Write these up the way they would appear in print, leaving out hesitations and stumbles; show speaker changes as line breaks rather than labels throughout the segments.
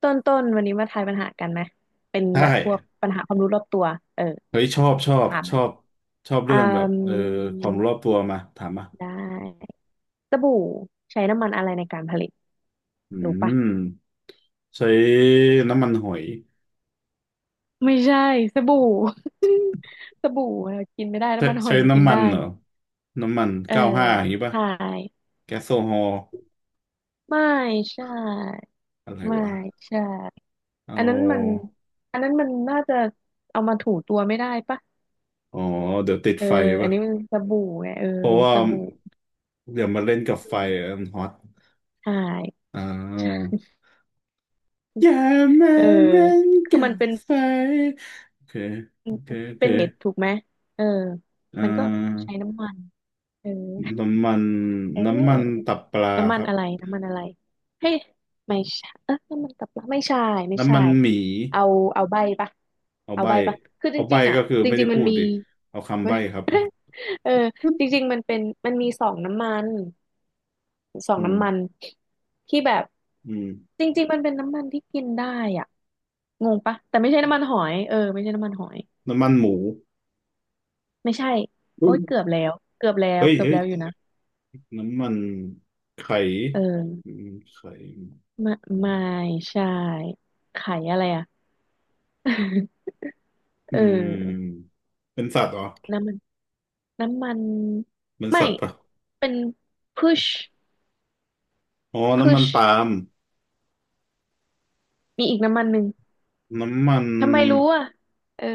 ต้นต้นวันนี้มาทายปัญหากันไหมเป็น
ใช่
แบบพวกปัญหาความรู้รอบตัวเออ
เฮ้ยชอบชอบ
ถามไห
ช
ม
อบชอบ
อื
เรื่องแบบค
ม
วามรู้รอบตัวมาถามมา
ได้สบู่ใช้น้ำมันอะไรในการผลิต
อื
รู้ปะ
มใช้น้ำมันหอย
ไม่ใช่สบู่ สบู่เรากินไม่ได้
ใช้
น้ำมันหอ
ใช้
ยมันกิน
น้ำมั
ได้
นเหรอน้ำมัน
เออ
95อย่างนี้ป่ะ
ใช่
แก๊สโซฮอล์
ไม่ใช่
อะไร
ไม่
วะ
ใช่
เอ
อันนั้นมัน
า
อันนั้นมันน่าจะเอามาถูตัวไม่ได้ปะ
อ๋อเดี๋ยวติด
เออ
ไฟ
อัน
ป่ะ
นี้มันสบู่ไงเออ
เพราะว่า
สบู่
เดี๋ยวมาเล่นกับ
อื
ไฟ
ม
อะมันฮอต
ใช่
อ่าอย่ามา
เออ
เล่น
คือ
กั
มัน
บ
เป็น
ไฟโอเคโอเคโอเค
เป็นเม็ดถูกไหมเออ
อ่
มันก็
า
ใช้น้ำมันเออ
น้ำมัน
เ
น้ำมัน
ออ
ตับปลา
น้ำมั
ค
น
รับ
อะไรน้ำมันอะไรเฮ้ยไม่ใช่เออน้ำมันตับปลาไม่ใช่ไม่
น้ำ
ใช่
มันหมี
เอาเอาใบปะ
เอา
เอา
ใบ
ใบปะคือจ
เอาใบ
ริงๆอ่ะ
ก็คือ
จ
ไม่
ริ
ได้
งๆมั
พู
น
ด
มี
ดิเอา คำ
เว้
ใบ
ย
ครับ
เออจ ริงๆมันเป็นมันมีสองน้ำมันสอง
อืม
น้ำมันที่แบบ
อืม
จริงๆมันเป็นน้ำมันที่กินได้อ่ะงงปะแต่ไม่ใช่น้ำมันหอยเออไม่ใช่น้ำมันหอย
น้ำมันหมู
ไม่ใช่
อื
โอ๊ยเกือบ
ม
แล้ว เกือบแล้ว
เฮ้ย
เกือบ
เฮ้ย
แล้วอยู่นะ
น้ำมันไข่
เออ
อืมไข่
ไม่
อืม
ไม่ใช่ไข่อะไรอ่ะ
อื
เออ
มเป็นสัตว์เหรอ
น้ำมันน้ำมัน
เป็น
ไม่
สัตว์ปะ
เป็นพุช
อ๋อ
พุ
น้ำมั
ช
นปาล์ม
มีอีกน้ำมันหนึ่ง
น้ำมัน
ทำไมรู้อ่ะเออ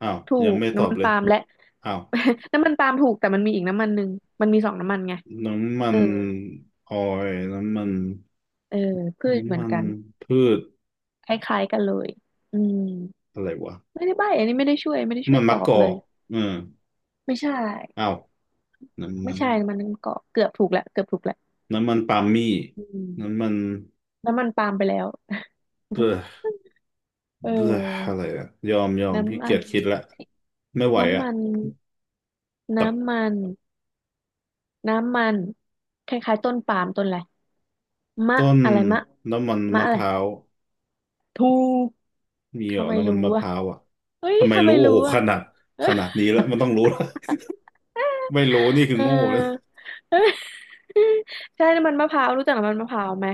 อ้าว
ถู
ยัง
ก
ไม่ตอ
น้ำ
บ
มัน
เลย
ปาล์มและ
อ้าว
น้ำมันปาล์มถูกแต่มันมีอีกน้ำมันหนึ่งมันมีสองน้ำมันไง
น้ำมั
เออ
นออยล์น้ำมัน
เออพืชเหมื
น้ำ
อ
มั
น
น
กัน
พืช
คล้ายๆกันเลยอืม
อะไรวะ
ไม่ได้ใบ้อันนี้ไม่ได้ช่วยไม่ได้
น้ำ
ช่ว
มั
ย
น
ต
มะ
อ
ก
บ
อ
เลย
กเออ
ไม่ใช่
อ้าว น้ำ
ไม่
มัน
ใช่มันก็เกือบถูกแหล้วเกือบถูกแหล้ว
น้ำมันปาล์มมี่
อื
น้ำ
ม
มัน
น้ำมันปาล์มไปแล้ว
เบลอ
เ
เบลออะ
ออ
ไรอะยอมยอมพี่
น้ำมั
เกีย
น
จคิดละไม่ไหว
น้ำ
อะ
มัน
ตับ
น้ำมันน้ำมันคล้ายๆต้นปาล์มต้นอะไรมะ
ต้น
อะไรมะ
น้ำมัน
มะ
มะ
อะ
พ
ไร
ร้าว
ถูก
มีเหร
ทำ
อ
ไม
น้ำมัน
รู้
มะพ
อ่ะ
ร้าวอะ
เฮ้ย
ทำไม
ทำไม
รู้โอ้
รู้
โหข
อ่ะ
นาดขนาดนี้แล้วมันต้องรู้แล้ว ไม่รู้นี่คือ
เออ
โง่แล้ว
อใช่น้ำมันมะพร้าวรู้จักน้ำมันมะพร้าวไหม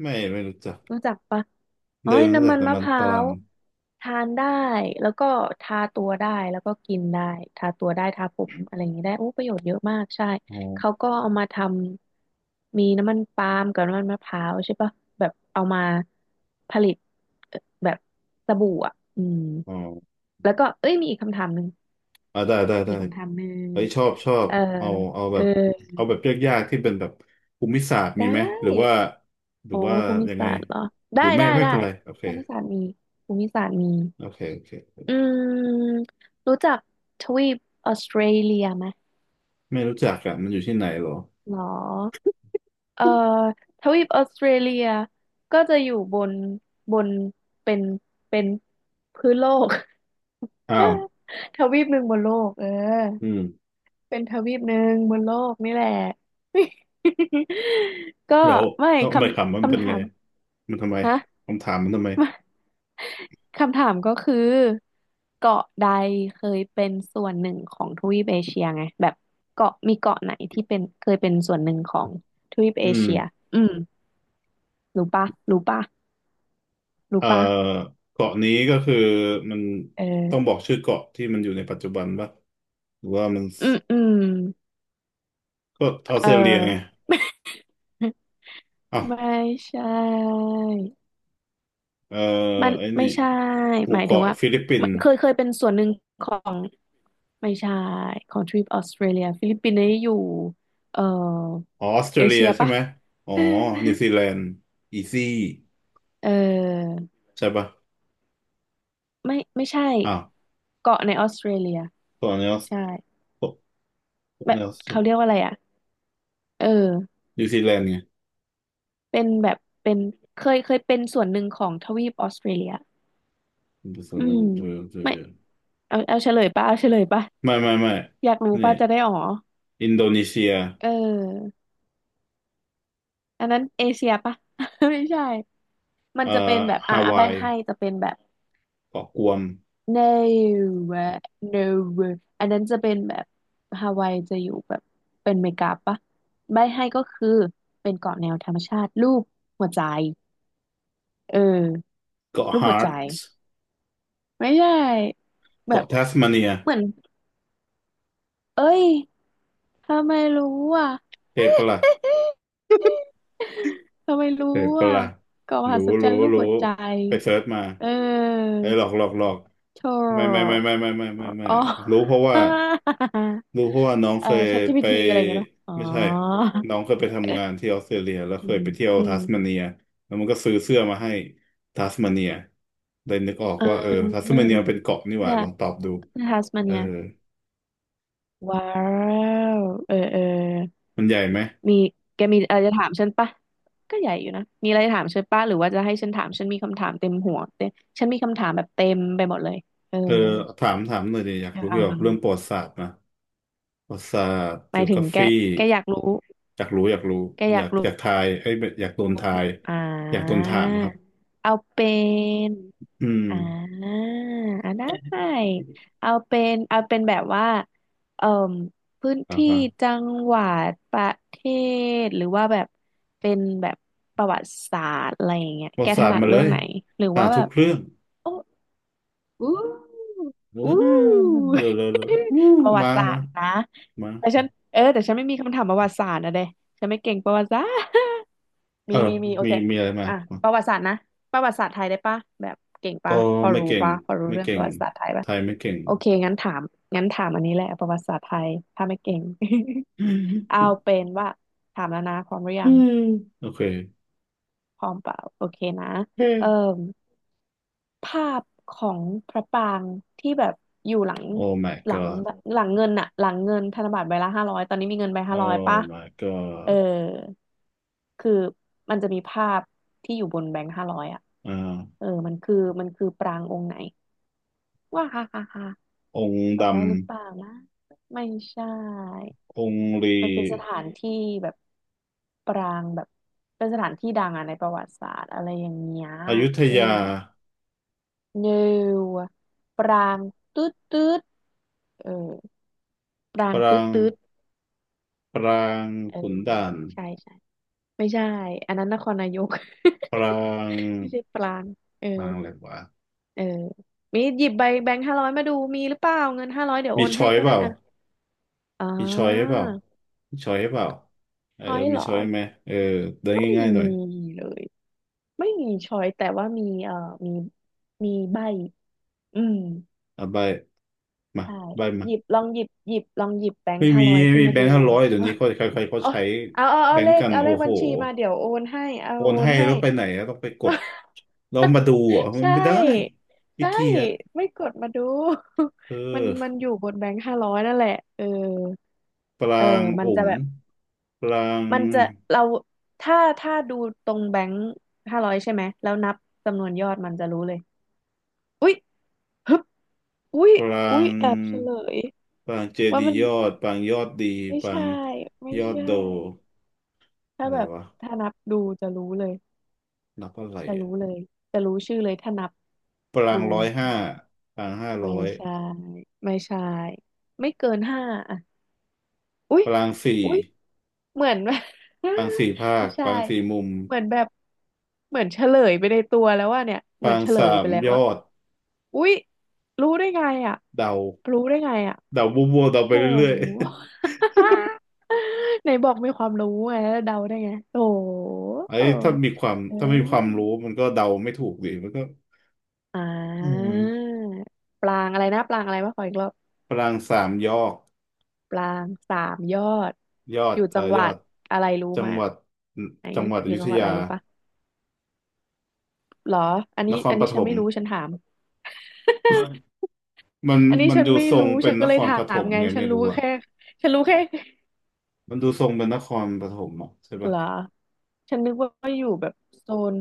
ไม่ไม่รู้จัก
รู้จักปะอ๋อ
เดิ
ย
นรู้
น้ำ
จัก
มันมะ
น้ำมั
พ
น
ร้า
ปา
ว
ล์ม
ทานได้แล้วก็ทาตัวได้แล้วก็กินได้ทาตัวได้ทาผมอะไรอย่างนี้ได้โอ้ประโยชน์เยอะมากใช่
อ๋อ
เขาก็เอามาทำมีน้ำมันปาล์มกับน้ำมันมะพร้าวใช่ปะแบบเอามาผลิตเอ่อแบบสบู่อ่ะอืม
อ๋อ
แล้วก็เอ้ยมีอีกคำถามหนึ่ง
อ่าได้ได้
มี
ได้
อีกคำถามหนึ่ง
เฮ้ยชอบชอบ
เออ
เอาเอาแบ
เออ
บเอาแบบยากๆที่เป็นแบบภูมิศาสตร์
ได
มีไหมหรือว่า
้
หรื
อ๋
อ
อ
ว่า
ภูมิ
ยังไง
ศาสตร์เหรอ
ห
ได้
รือไม่
ได้
ไม่
ได้
เป็นไรโอเค
ภูมิศาสตร์มีภูมิศาสตร์มี
โอเคโอเค
อืมรู้จักทวีปออสเตรเลียไหม
ไม่รู้จักอ่ะมันอยู่ที่ไหนเหรอ
หรอเอ่อทวีปออสเตรเลียก็จะอยู่บนบนเป็นเป็นพื้นโลก
อ้าว
ทวีปหนึ่งบนโลกเออ
อืม
เป็นทวีปหนึ่งบนโลกนี่แหละ ก็
แล้ว
ไม่
แล้ว
ค
ใบคำมั
ำ
นเป็น
คำ
ไง
ถาม
มันทำไม
ฮะ
คำถามมันทำไม
คำถามก็คือเกาะใดเคยเป็นส่วนหนึ่งของทวีปเอเชียไงแบบเกาะมีเกาะไหนที่เป็นเคยเป็นส่วนหนึ่งของทวีป
อื
เอ
ม
เชียอืมรู้ปะรู้ปะรู้
เอ่อ
ปะ
เกาะนี้ก็คือมัน
เอ
ต้องบ
อ
อกชื่อเกาะที่มันอยู่ในปัจจุบันป่ะหรือว่ามัน
อืมอืม
ก็ออส
เอ
เตรเลียไง
อ
อ้าว
ไม่ใช่
เออ
มัน
ไอ้
ไม่
นี่
ใช่
ห
ห
มู่
มายถึง
เกาะ
ว่า
ฟิลิปปิน
มัน
ส์
เคยเป็นส่วนหนึ่งของไม่ใช่ของทริปออสเตรเลียฟิลิปปินส์นี่อยู่เอ่อ
ออออสเตร
เอ
เลีย
เชีย
ใช่
ปะ
ไหมอ๋อนิวซี แลนด์อีซี่
เออ
ใช่ปะ
ไม่ไม่ใช่
อ้าว
เกาะในออสเตรเลีย
ส่วนนี้
ใช่
ส่วน
แบบเขาเรี
นี้
ยกว่าอะไรอ่ะเออ
นิวซีแลนด์ไง
เป็นแบบเป็นเคยเป็นส่วนหนึ่งของทวีปออสเตรเลีย
ส่ว
อื
นนี้
ม
อสเตร
ไม่
เลีย
เอาเอาเฉลยป่ะเอาเฉลยป่ะ
ไม่ไม่ไม่
อยากรู้
นี่
ป่ะจะได้อ๋อ
อินโดนีเซีย
เอออันนั้นเอเชียป่ะ ไม่ใช่มัน
เอ่อ
จะเป็นแบบอ่ะ
ฮา
อ่ะใบ
วาย
ให้จะเป็นแบบ
เกาะกวม
no อะ no อันนั้นจะเป็นแบบฮาวายจะอยู่แบบเป็นเมกาปะใบให้ก็คือเป็นเกาะแนวธรรมชาติรูปหัวใจเออ
เกาะ
รูปหั
ฮา
วใจ
ร์ตส์
ไม่ใช่แบ
เกาะ
บ
แทสมาเนีย
เหมือนเอ้ยทำไมรู้อ่ะ
เทปะละ
ทำไมรู้
เทปะ
อ่ะ
ละ
เกาะมหั
รู้
ศจร
รู้
รย์รูป
รู้
หัวใจ
ไปเซิร์ชมา
เออ
ไอ้ยหลอกหลอกหลอก
โธ่
ไม่ไม่ไม่ไม่ไม่ไม่ไม่ไม่
อ๋อ
ไม่รู้เพราะว่า รู้เพราะว่าน้อง
เอ
เค
อ
ยไป
ChatGPT อะไรอย่างเงี้ยป่ะอ๋อ
ไม่ใช่น้องเคยไปทำงานที่ออสเตรเลียแล้ว
อื
เคย
ม
ไปเที่ยว
อื
ทั
ม
สมาเนียแล้วมันก็ซื้อเสื้อมาให้ทัสมาเนียเลยนึกออก
อ่
ว่าเออ
า
ทัสมาเนียมันเป็นเกาะนี่ห
เสื้
ว่า
อ
ลองตอบดู
เสื้อทัสมา
เอ
เนี
อ
ยว้าวเออเออ
มันใหญ่ไหม
มีแกมีอะไรจะถามฉันปะก็ใหญ่อยู่นะมีอะไรจะถามฉันปะหรือว่าจะให้ฉันถามฉันมีคำถามเต็มหัวเต็มฉันมีคำถามแบบเต็มไปหมดเลยเออ
เออถามถามหน่อยดิอยาก
อ่
รู้เกี่ยวกับเรื่อง
า
ประวัติศาสตร์นะประวัติศาสตร์
หมา
จิ
ย
วก
ถึง
รา
แก
ฟี
แกอยากรู้
อยากรู้อยากรู้
แกอ
อ
ยา
ยา
ก
กอ
รู้
ยากทายไอ้ยอยากโดนทาย
อ่
อยากโดน
า
ถามครับ
เอาเป็น
อืม
อ่าอ่าได้เอาเป็นเอาเป็นแบบว่าเอ่มพื้น
อ่า
ที่
ฟัง
จังหวัดประเทศหรือว่าแบบเป็นแบบประวัติศาสตร์อะไรอย่างเงี้ย
ประ
แก
วัติ
ถ
ศาสต
นั
ร์
ด
มาเล
เรื่อง
ย
ไหนหรือ
อ่า
ว่าแบ
ทุก
บ
เรื่อง
โอ้อู้
เออ
อู้
เร็วเร็วเร็วอู้
ประวั
มา
ติศาส
มา
ตร์นะแต่ฉั
มา
นเออแต่ฉันไม่มีคำถามประวัติศาสตร์นะเด้ฉันไม่เก่งประวัติศาสตร์
เอ
มี
อ
มีมีโอ
มี
เค
มีอะไรมา
อ่ะ
มา
ประวัติศาสตร์นะประวัติศาสตร์ไทยได้ปะแบบเก่ง
อ๋อ
ปะพอ
ไม่
รู้
เก่ง
ปะพอรู้
ไม่
เรื่อง
เก่
ป
ง
ระวัติศาสตร์ไทย
ไท
ปะ
ยไม่เก่ง
โอเคงั้นถามงั้นถามอันนี้แหละประวัติศาสตร์ไทยถ้าไม่เก่ง
อ
เอา
ื
เป็นว่าถามแล้วนะพร้อมหรือยัง
มโอเค
พร้อมเปล่าโอเคนะ
เฮ้
เอิ่ม ภาพของพระปรางที่แบบอยู่หลัง
Oh my
หลัง
god
หลังเงินอะหลังเงินธนบัตรใบละห้าร้อยตอนนี้มีเงินใบห้าร้อยป่ะ
Oh my
เออ
god
คือมันจะมีภาพที่อยู่บนแบงค์ห้าร้อยอะ
อ่า
เออมันคือปรางองค์ไหนว่าฮ่าฮ่าฮ่า
องค์
ตอบ
ดำ
ได้หรือเปล่านะไม่ใช่
องค์ลี
มันเป็นสถานที่แบบปรางแบบเป็นสถานที่ดังอะในประวัติศาสตร์อะไรอย่างเงี้ย
อยุธ
เออ
ยา
no ปรางตืดตืดเออปรา
ป
ง
รา
ตืด
ง
ตืด
ปราง
เออ
ขุนด่าน
ใช่ใช่ไม่ใช่อันนั้นนครนายก
ปราง
ไม่ใช่ปรางเออ
ปรางอะไรวะ
เออมีหยิบใบแบงค์ห้าร้อยมาดูมีหรือเปล่าเงินห้าร้อยเดี๋ยวโอ
มี
น
ช้
ให้
อย
ก็
เป
ได้
ล่า
อ่ะอ๋
มีช้อยให้
อ
เปล่ามีช้อยให้เปล่าเออ
ช้อย
มี
เหรอ
ช้อยไหมเออเด้
ไม่
ง่ายๆหน่
มี
อย
เลยไม่มีช้อยแต่ว่ามีมีมีใบอืม
เอาใบมา
ใช่
ใบมา
หยิบลองหยิบหยิบลองหยิบแบง
ไม่
ค์ห้า
มี
ร้อย
ไม่
ขึ้น
มี
มา
แบ
ดู
งค์ห้าร้อยเดี๋ยวนี้เขาใครๆเขา
เอา
ใช้
เอา
แบ
เอา
ง
เล
ค์
ข
กัน
เอาเล
โอ้
ข
โห
บัญชีมาเดี๋ยวโอนให้เอา
โอน
โอน
ให้
ให้
แล้วไปไหนอะต้องไปกดแล้ว มาดูอ่ะมั
ใช
นไม่ได้
่
ขี้
ใช่
เกียจ
ไม่กดมาดู
เอ
มัน
อ
มันอยู่บนแบงค์ห้าร้อยนั่นแหละเออ
ป
เออ
ราง
มั
อ
นจะ
ง
แบ
ค์
บ
ปราง
มันจะเราถ้าดูตรงแบงค์ห้าร้อยใช่ไหมแล้วนับจำนวนยอดมันจะรู้เลยอุ๊ยฮึบอุ๊ย
ปรา
อุ๊ย
ง
แอบเฉลย
ปรางเจ
ว่า
ดี
มัน
ยอดปรางยอดดี
ไม่
ปราง
ใช่ไม่
ยอด
ใช่
โด
ถ้า
อะไร
แบบ
วะ
ถ้านับดูจะรู้เลย
นับอะไร
จะ
อ่ะ
รู้เลยจะรู้ชื่อเลยถ้านับ
ปรา
ดู
งร้อย
ร
ห้า
ลาน
ปรางห้าร้
ไม่
อย
ใช่ไม่ใช่ไม่เกินห้าอ่ะอุ๊ย
ปรางสี่
อุ๊ยเหมือน
ปรางสี่ภา
ไม่
คป
ใช่
รางสี่มุม
เหมือนแบบเหมือนเฉลยไปในตัวแล้วว่าเนี่ย
ป
เหมือ
รา
น
ง
เฉล
สา
ย
ม
ไปแล้ว
ยอ
ว่าะ
ด
อุ๊ยรู้ได้ไงอ่ะ
เดา
รู้ได้ไงอ่ะ
เดาบัวๆเดาไป
โอ้โห
เรื่อย
ไหนบอกมีความรู้ไงแล้วเดาได้ไงโอ้โ
ๆ
ห
ไอ้ถ้ามีความ
เอ
ถ้าไม่มีความรู้
อ
มันก็เดาไม่ถูกดิมันก็
อ่
อืม
าปรางอะไรนะปรางอะไรมาขออีกรอบ
ปรางสามยอด
ปรางสามยอด
ยอ
อ
ด
ยู่จังห
ย
วั
อ
ด
ด
อะไรรู้
จั
ไห
ง
ม
หวัดจังหวัด
อ
อ
ยู่
ยุ
จั
ธ
งหวัดอะ
ยา
ไรรู้ปะหรออัน
น
นี้
คร
อัน
ป
นี้
ฐ
ฉัน
ม
ไม่รู้ฉันถาม
มัน
อันนี้
มัน
ฉัน
ดู
ไม่
ทร
รู้
งเป็
ฉั
น
น
น
ก็เล
ค
ย
ร
ถา
ปฐ
ม
ม
ไง
ไง
ฉั
ไม่
นรู้
รู้อะ
แค่ฉันรู้แค่
มันดูทรงเป็นนครปฐมอะใช่
เห
ปะ
รอฉันนึกว่าอยู่แบบโซน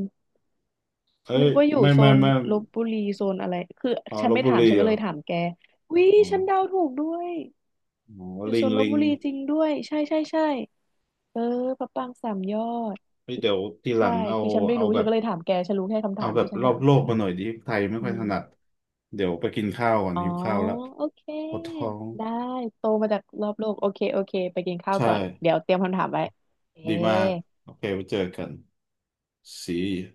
เอ้
นึ
ย
กว่าอยู่
ไม่
โซ
ไม่
น
ไม่
ลพบุรีโซนอะไรคือ
อ๋อ
ฉั
ล
น
พ
ไม่
บุ
ถาม
รี
ฉัน
เห
ก็
รอ
เลยถามแกวิ
อ๋อ
ฉันเดาถูกด้วย
อ๋อ
อยู่
ลิ
ส
ง
นล
ลิง
บุรีจริงด้วยใช่ใช่ใช่เออพระปรางสามยอด
เฮ้ยเดี๋ยวทีหลั
ใช่
งเอา
คือฉันไม่
เอา
รู้
แบ
ฉัน
บ
ก็เลยถามแกฉันรู้แค่คำ
เอา
ถาม
แบบ
ที่ฉัน
รอ
ถา
บ
ม
โล
แก
กมาหน่อยดิไทยไม่
อื
ค่อยถนัด
ม
เดี๋ยวไปกินข้าวก่อน
อ๋อ
หิวข้าวละ
โอเค
ปวดท้อง
ได้โตมาจากรอบโลกโอเคโอเคไปกินข้าว
ใช่
ก่อนเดี๋ยวเตรียมคำถามไว้เอ
ดีมากโอเคไว้เจอกัน See you